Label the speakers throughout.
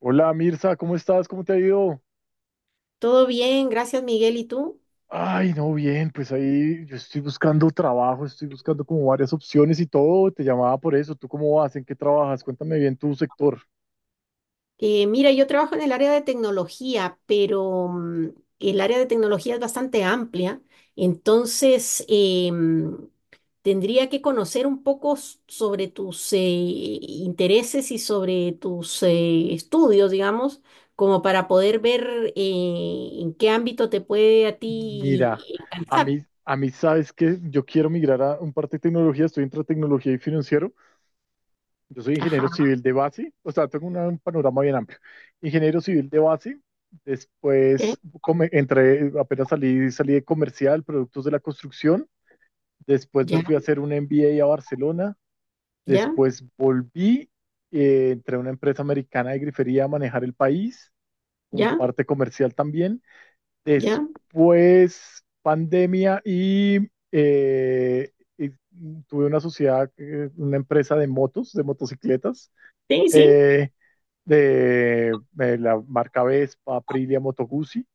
Speaker 1: Hola Mirza, ¿cómo estás? ¿Cómo te ha ido?
Speaker 2: Todo bien, gracias Miguel. ¿Y tú?
Speaker 1: Ay, no, bien, pues ahí yo estoy buscando trabajo, estoy buscando como varias opciones y todo, te llamaba por eso. ¿Tú cómo vas? ¿En qué trabajas? Cuéntame bien tu sector.
Speaker 2: Mira, yo trabajo en el área de tecnología, pero el área de tecnología es bastante amplia, entonces tendría que conocer un poco sobre tus intereses y sobre tus estudios, digamos, como para poder ver en qué ámbito te puede a
Speaker 1: Mira,
Speaker 2: ti
Speaker 1: a
Speaker 2: alcanzar.
Speaker 1: mí, a mí sabes que yo quiero migrar a un parte de tecnología, estoy entre tecnología y financiero, yo soy ingeniero
Speaker 2: Ajá.
Speaker 1: civil de base, o sea, tengo un panorama bien amplio. Ingeniero civil de base, después
Speaker 2: Ok.
Speaker 1: entré, apenas salí, salí de comercial, productos de la construcción. Después me
Speaker 2: Ya,
Speaker 1: fui a hacer un MBA a Barcelona.
Speaker 2: ya,
Speaker 1: Después volví, entré a una empresa americana de grifería a manejar el país, como
Speaker 2: ya,
Speaker 1: parte comercial también.
Speaker 2: ya.
Speaker 1: Después pandemia eh, y tuve una sociedad, una empresa de motos, de motocicletas.
Speaker 2: Sí, sí.
Speaker 1: Eh, de la marca Vespa, Aprilia, Moto Guzzi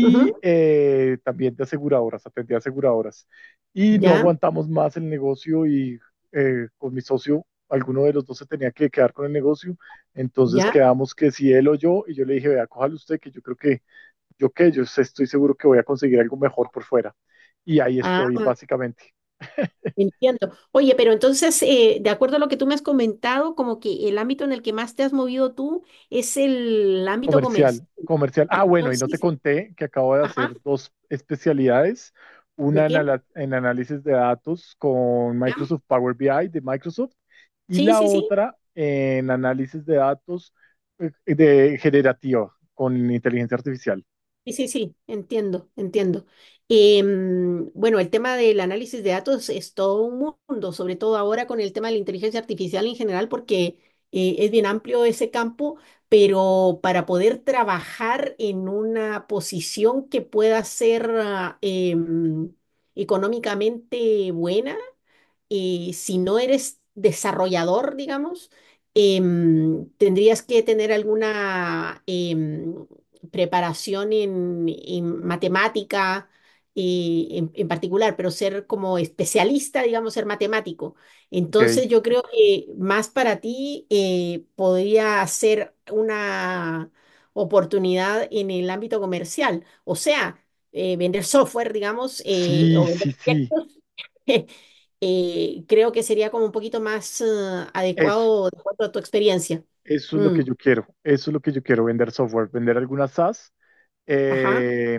Speaker 2: Ujú.
Speaker 1: también de aseguradoras, atendía aseguradoras. Y no
Speaker 2: Ya,
Speaker 1: aguantamos más el negocio y con mi socio, alguno de los dos se tenía que quedar con el negocio, entonces
Speaker 2: ya.
Speaker 1: quedamos que si él o yo, y yo le dije, vea, cójalo usted, que yo creo que yo estoy seguro que voy a conseguir algo mejor por fuera. Y ahí
Speaker 2: Ah,
Speaker 1: estoy básicamente.
Speaker 2: entiendo. Oye, pero entonces, de acuerdo a lo que tú me has comentado, como que el ámbito en el que más te has movido tú es el ámbito
Speaker 1: Comercial,
Speaker 2: comercial.
Speaker 1: comercial. Ah, bueno, y no te
Speaker 2: Entonces,
Speaker 1: conté que acabo de
Speaker 2: ajá,
Speaker 1: hacer dos especialidades,
Speaker 2: ¿de
Speaker 1: una en,
Speaker 2: qué?
Speaker 1: en análisis de datos con
Speaker 2: ¿Ya?
Speaker 1: Microsoft Power BI de Microsoft y
Speaker 2: Sí,
Speaker 1: la
Speaker 2: sí, sí.
Speaker 1: otra en análisis de datos, de generativo con inteligencia artificial.
Speaker 2: Sí, sí, sí, entiendo, entiendo. Bueno, el tema del análisis de datos es todo un mundo, sobre todo ahora con el tema de la inteligencia artificial en general, porque es bien amplio ese campo, pero para poder trabajar en una posición que pueda ser económicamente buena, si no eres desarrollador, digamos, tendrías que tener alguna preparación en matemática en particular, pero ser como especialista, digamos, ser matemático. Entonces
Speaker 1: Ok.
Speaker 2: yo creo que más para ti podría ser una oportunidad en el ámbito comercial, o sea, vender software, digamos,
Speaker 1: Sí,
Speaker 2: o vender
Speaker 1: sí, sí.
Speaker 2: proyectos creo que sería como un poquito más
Speaker 1: Eso,
Speaker 2: adecuado de acuerdo a tu experiencia.
Speaker 1: eso es lo
Speaker 2: Mm,
Speaker 1: que yo quiero. Eso es lo que yo quiero, vender software, vender algunas SaaS,
Speaker 2: ajá,
Speaker 1: eh,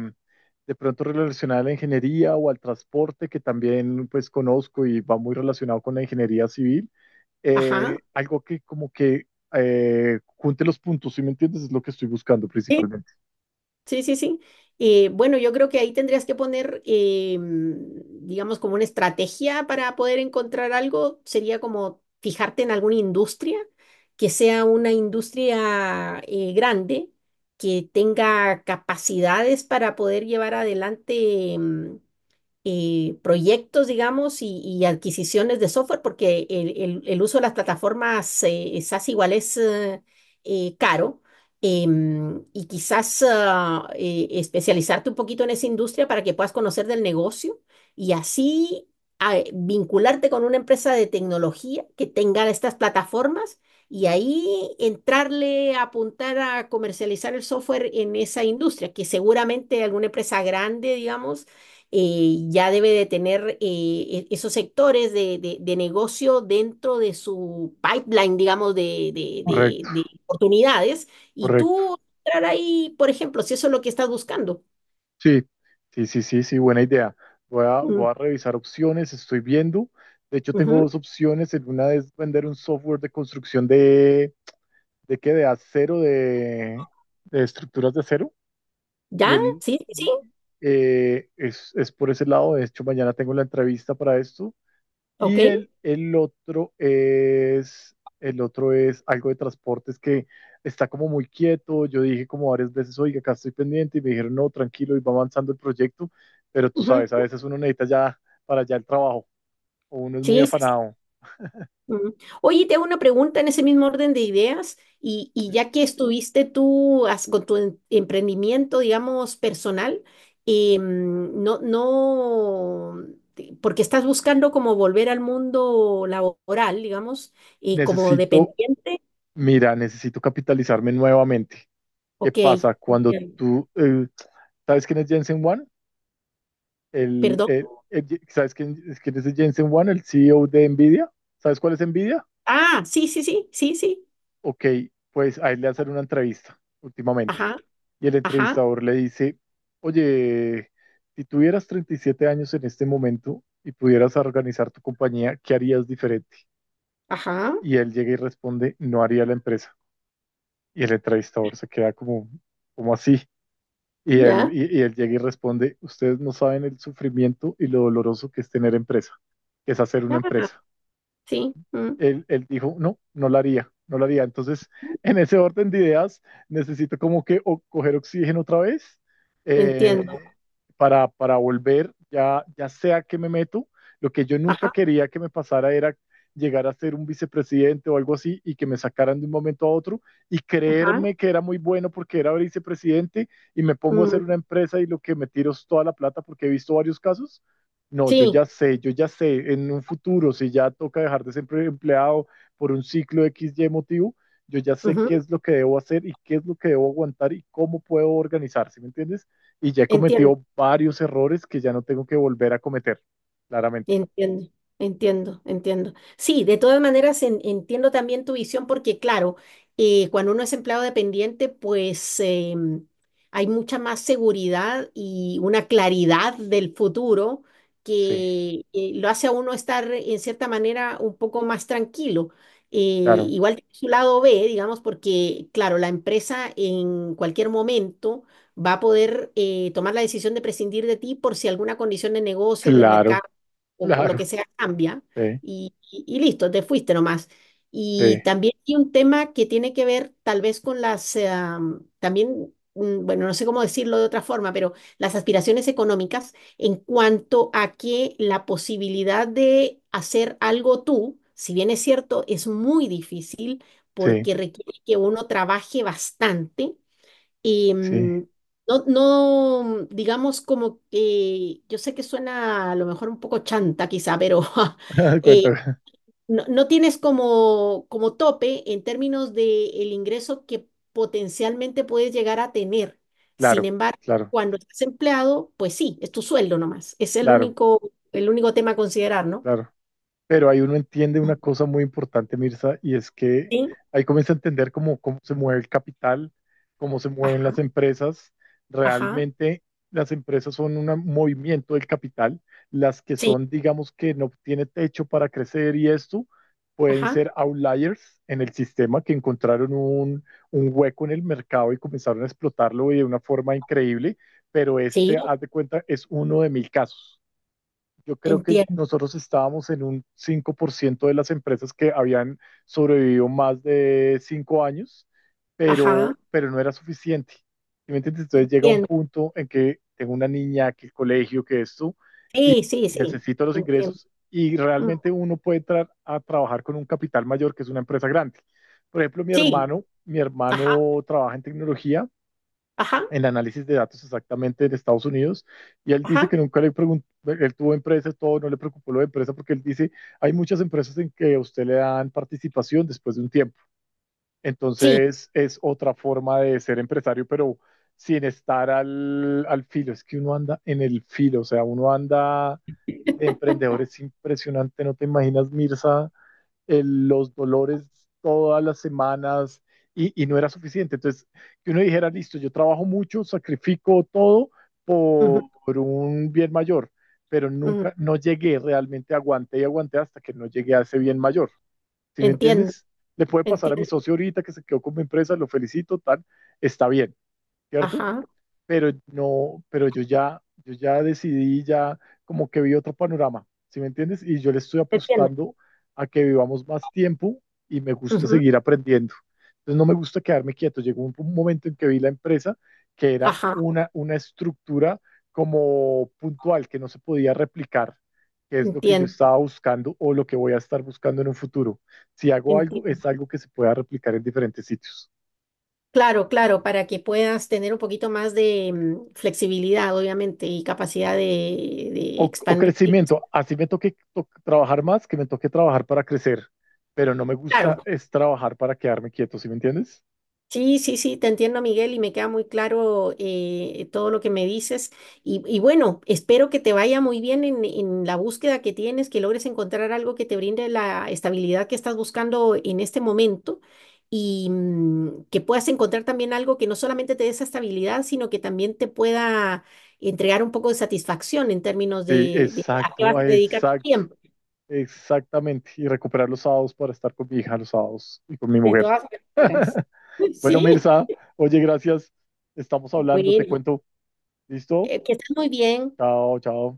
Speaker 1: de pronto relacionada a la ingeniería o al transporte, que también pues conozco y va muy relacionado con la ingeniería civil.
Speaker 2: ajá.
Speaker 1: Algo que como que junte los puntos, ¿sí me entiendes? Es lo que estoy buscando
Speaker 2: Sí,
Speaker 1: principalmente.
Speaker 2: sí, sí. Sí. Bueno, yo creo que ahí tendrías que poner, digamos, como una estrategia para poder encontrar algo. Sería como fijarte en alguna industria que sea una industria grande, que tenga capacidades para poder llevar adelante. Proyectos, digamos, y adquisiciones de software, porque el uso de las plataformas SaaS igual es caro. Y quizás especializarte un poquito en esa industria para que puedas conocer del negocio y así vincularte con una empresa de tecnología que tenga estas plataformas y ahí entrarle a apuntar a comercializar el software en esa industria, que seguramente alguna empresa grande, digamos, ya debe de tener esos sectores de, de negocio dentro de su pipeline, digamos, de,
Speaker 1: Correcto,
Speaker 2: de oportunidades. Y
Speaker 1: correcto.
Speaker 2: tú entrar ahí, por ejemplo, si eso es lo que estás buscando.
Speaker 1: Sí, sí, sí, sí, sí, buena idea.
Speaker 2: Mm.
Speaker 1: Voy a revisar opciones, estoy viendo. De hecho, tengo
Speaker 2: Ujú.
Speaker 1: dos opciones. En Una es vender un software de construcción ¿de qué? De acero, de estructuras de acero. Y
Speaker 2: ¿Ya?
Speaker 1: él
Speaker 2: Sí, sí,
Speaker 1: y-
Speaker 2: sí.
Speaker 1: es por ese lado. De hecho, mañana tengo la entrevista para esto. Y
Speaker 2: Ok.
Speaker 1: el otro es algo de transportes que está como muy quieto. Yo dije como varias veces, oiga, acá estoy pendiente. Y me dijeron, no, tranquilo, y va avanzando el proyecto. Pero tú sabes, a
Speaker 2: Ujú.
Speaker 1: veces uno necesita ya para allá el trabajo. O uno es muy
Speaker 2: Sí, sí.
Speaker 1: afanado.
Speaker 2: Mm. Oye, te hago una pregunta en ese mismo orden de ideas y
Speaker 1: ¿Sí?
Speaker 2: ya que estuviste tú con tu emprendimiento, digamos, personal, no, no, porque estás buscando como volver al mundo laboral, digamos, y como
Speaker 1: Necesito,
Speaker 2: dependiente.
Speaker 1: mira, necesito capitalizarme nuevamente. ¿Qué
Speaker 2: Ok.
Speaker 1: pasa cuando
Speaker 2: Ok,
Speaker 1: tú... ¿sabes quién es Jensen Huang?
Speaker 2: perdón.
Speaker 1: ¿Sabes quién, quién es Jensen Huang, el CEO de Nvidia? ¿Sabes cuál es Nvidia?
Speaker 2: Ah, sí, sí, sí, sí, sí,
Speaker 1: Ok, pues a él le hacen una entrevista últimamente.
Speaker 2: ajá,
Speaker 1: Y el
Speaker 2: ajá,
Speaker 1: entrevistador le dice, oye, si tuvieras 37 años en este momento y pudieras organizar tu compañía, ¿qué harías diferente?
Speaker 2: ajá,
Speaker 1: Y él llega y responde, no haría la empresa. Y el entrevistador se queda como, como así.
Speaker 2: ya,
Speaker 1: Y él llega y responde, ustedes no saben el sufrimiento y lo doloroso que es tener empresa, que es hacer una
Speaker 2: ah,
Speaker 1: empresa.
Speaker 2: sí, mm,
Speaker 1: Él dijo, no, no lo haría, no lo haría. Entonces, en ese orden de ideas, necesito como que coger oxígeno otra vez,
Speaker 2: entiendo,
Speaker 1: eh, para volver, ya, ya sea que me meto. Lo que yo nunca
Speaker 2: ajá,
Speaker 1: quería que me pasara era llegar a ser un vicepresidente o algo así y que me sacaran de un momento a otro y
Speaker 2: ajá,
Speaker 1: creerme que era muy bueno porque era vicepresidente y me pongo a hacer una
Speaker 2: mm,
Speaker 1: empresa y lo que me tiro es toda la plata porque he visto varios casos. No,
Speaker 2: sí.
Speaker 1: yo ya sé, en un futuro, si ya toca dejar de ser empleado por un ciclo X XY motivo, yo ya sé qué es lo que debo hacer y qué es lo que debo aguantar y cómo puedo organizar, ¿sí me entiendes? Y ya he
Speaker 2: Entiendo.
Speaker 1: cometido varios errores que ya no tengo que volver a cometer, claramente.
Speaker 2: Entiendo, entiendo, entiendo. Sí, de todas maneras entiendo también tu visión porque, claro, cuando uno es empleado dependiente, pues hay mucha más seguridad y una claridad del futuro
Speaker 1: Sí,
Speaker 2: que lo hace a uno estar en cierta manera un poco más tranquilo.
Speaker 1: claro,
Speaker 2: Igual tiene su lado B, digamos, porque, claro, la empresa en cualquier momento va a poder tomar la decisión de prescindir de ti por si alguna condición de negocio, del mercado
Speaker 1: claro,
Speaker 2: o lo que
Speaker 1: claro,
Speaker 2: sea cambia
Speaker 1: sí,
Speaker 2: y listo, te fuiste nomás.
Speaker 1: sí,
Speaker 2: Y también hay un tema que tiene que ver tal vez con las, también, bueno, no sé cómo decirlo de otra forma, pero las aspiraciones económicas en cuanto a que la posibilidad de hacer algo tú, si bien es cierto, es muy difícil
Speaker 1: sí,
Speaker 2: porque requiere que uno trabaje bastante. Y
Speaker 1: sí.
Speaker 2: no, no, digamos como que, yo sé que suena a lo mejor un poco chanta quizá, pero eh,
Speaker 1: Cuenta,
Speaker 2: no, no tienes como, como tope en términos de el ingreso que potencialmente puedes llegar a tener. Sin
Speaker 1: claro,
Speaker 2: embargo,
Speaker 1: claro,
Speaker 2: cuando estás empleado, pues sí, es tu sueldo nomás. Es
Speaker 1: claro,
Speaker 2: el único tema a considerar, ¿no?
Speaker 1: claro. Pero ahí uno entiende una cosa muy importante, Mirza, y es que
Speaker 2: Sí,
Speaker 1: ahí comienza a entender cómo, cómo se mueve el capital, cómo se mueven
Speaker 2: ajá,
Speaker 1: las empresas.
Speaker 2: ajá,
Speaker 1: Realmente las empresas son un movimiento del capital. Las que
Speaker 2: sí,
Speaker 1: son, digamos, que no tiene techo para crecer y esto, pueden
Speaker 2: ajá,
Speaker 1: ser outliers en el sistema que encontraron un hueco en el mercado y comenzaron a explotarlo de una forma increíble. Pero
Speaker 2: sí,
Speaker 1: este, haz de cuenta, es uno de mil casos. Yo creo que
Speaker 2: entiendo,
Speaker 1: nosotros estábamos en un 5% de las empresas que habían sobrevivido más de 5 años,
Speaker 2: ajá,
Speaker 1: pero no era suficiente. ¿Sí me entiendes? Entonces llega un
Speaker 2: entiendo.
Speaker 1: punto en que tengo una niña, que el colegio, que esto,
Speaker 2: Sí, sí,
Speaker 1: y
Speaker 2: sí,
Speaker 1: necesito los
Speaker 2: entiendo.
Speaker 1: ingresos y realmente uno puede entrar a trabajar con un capital mayor, que es una empresa grande. Por ejemplo,
Speaker 2: Sí,
Speaker 1: mi
Speaker 2: ajá,
Speaker 1: hermano trabaja en tecnología,
Speaker 2: ajá,
Speaker 1: en análisis de datos exactamente en Estados Unidos, y él dice
Speaker 2: ajá,
Speaker 1: que nunca le preguntó, él tuvo empresas todo, no le preocupó lo de empresa, porque él dice, hay muchas empresas en que a usted le dan participación después de un tiempo,
Speaker 2: sí,
Speaker 1: entonces es otra forma de ser empresario, pero sin estar al filo, es que uno anda en el filo, o sea, uno anda, de emprendedor impresionante, no te imaginas, Mirza, los dolores todas las semanas y no era suficiente. Entonces, que uno dijera, listo, yo trabajo mucho, sacrifico todo
Speaker 2: ujú,
Speaker 1: por un bien mayor, pero
Speaker 2: ujú.
Speaker 1: nunca, no llegué, realmente aguanté y aguanté hasta que no llegué a ese bien mayor. ¿Sí me
Speaker 2: Entiendo,
Speaker 1: entiendes? Le puede pasar a mi
Speaker 2: entiendo,
Speaker 1: socio ahorita que se quedó con mi empresa, lo felicito, tal, está bien, ¿cierto?
Speaker 2: ajá,
Speaker 1: Pero no, pero yo ya decidí, ya como que vi otro panorama, ¿sí me entiendes? Y yo le estoy
Speaker 2: entiendo,
Speaker 1: apostando a que vivamos más tiempo y me gusta
Speaker 2: ujú,
Speaker 1: seguir aprendiendo. Entonces no me gusta quedarme quieto. Llegó un momento en que vi la empresa que era
Speaker 2: ajá,
Speaker 1: una estructura como puntual, que no se podía replicar, que es lo que yo
Speaker 2: entiendo,
Speaker 1: estaba buscando o lo que voy a estar buscando en un futuro. Si hago algo,
Speaker 2: entiendo.
Speaker 1: es algo que se pueda replicar en diferentes sitios.
Speaker 2: Claro, claro, para que puedas tener un poquito más de flexibilidad, obviamente, y capacidad de
Speaker 1: O
Speaker 2: expandir.
Speaker 1: crecimiento, así me toque trabajar más, que me toque trabajar para crecer, pero no me gusta
Speaker 2: Claro.
Speaker 1: es trabajar para quedarme quieto, ¿sí me entiendes?
Speaker 2: Sí, sí, sí, te entiendo, Miguel, y me queda muy claro todo lo que me dices. Y bueno, espero que te vaya muy bien en la búsqueda que tienes, que logres encontrar algo que te brinde la estabilidad que estás buscando en este momento y que puedas encontrar también algo que no solamente te dé esa estabilidad, sino que también te pueda entregar un poco de satisfacción en términos
Speaker 1: Sí,
Speaker 2: de a qué
Speaker 1: exacto,
Speaker 2: vas a
Speaker 1: ah,
Speaker 2: dedicar tu
Speaker 1: exacto,
Speaker 2: tiempo,
Speaker 1: exactamente. Y recuperar los sábados para estar con mi hija los sábados y con mi
Speaker 2: de
Speaker 1: mujer.
Speaker 2: todas maneras.
Speaker 1: Bueno,
Speaker 2: Sí,
Speaker 1: Mirza, oye, gracias. Estamos hablando, te
Speaker 2: bueno,
Speaker 1: cuento. ¿Listo?
Speaker 2: que estés muy bien.
Speaker 1: Chao, chao.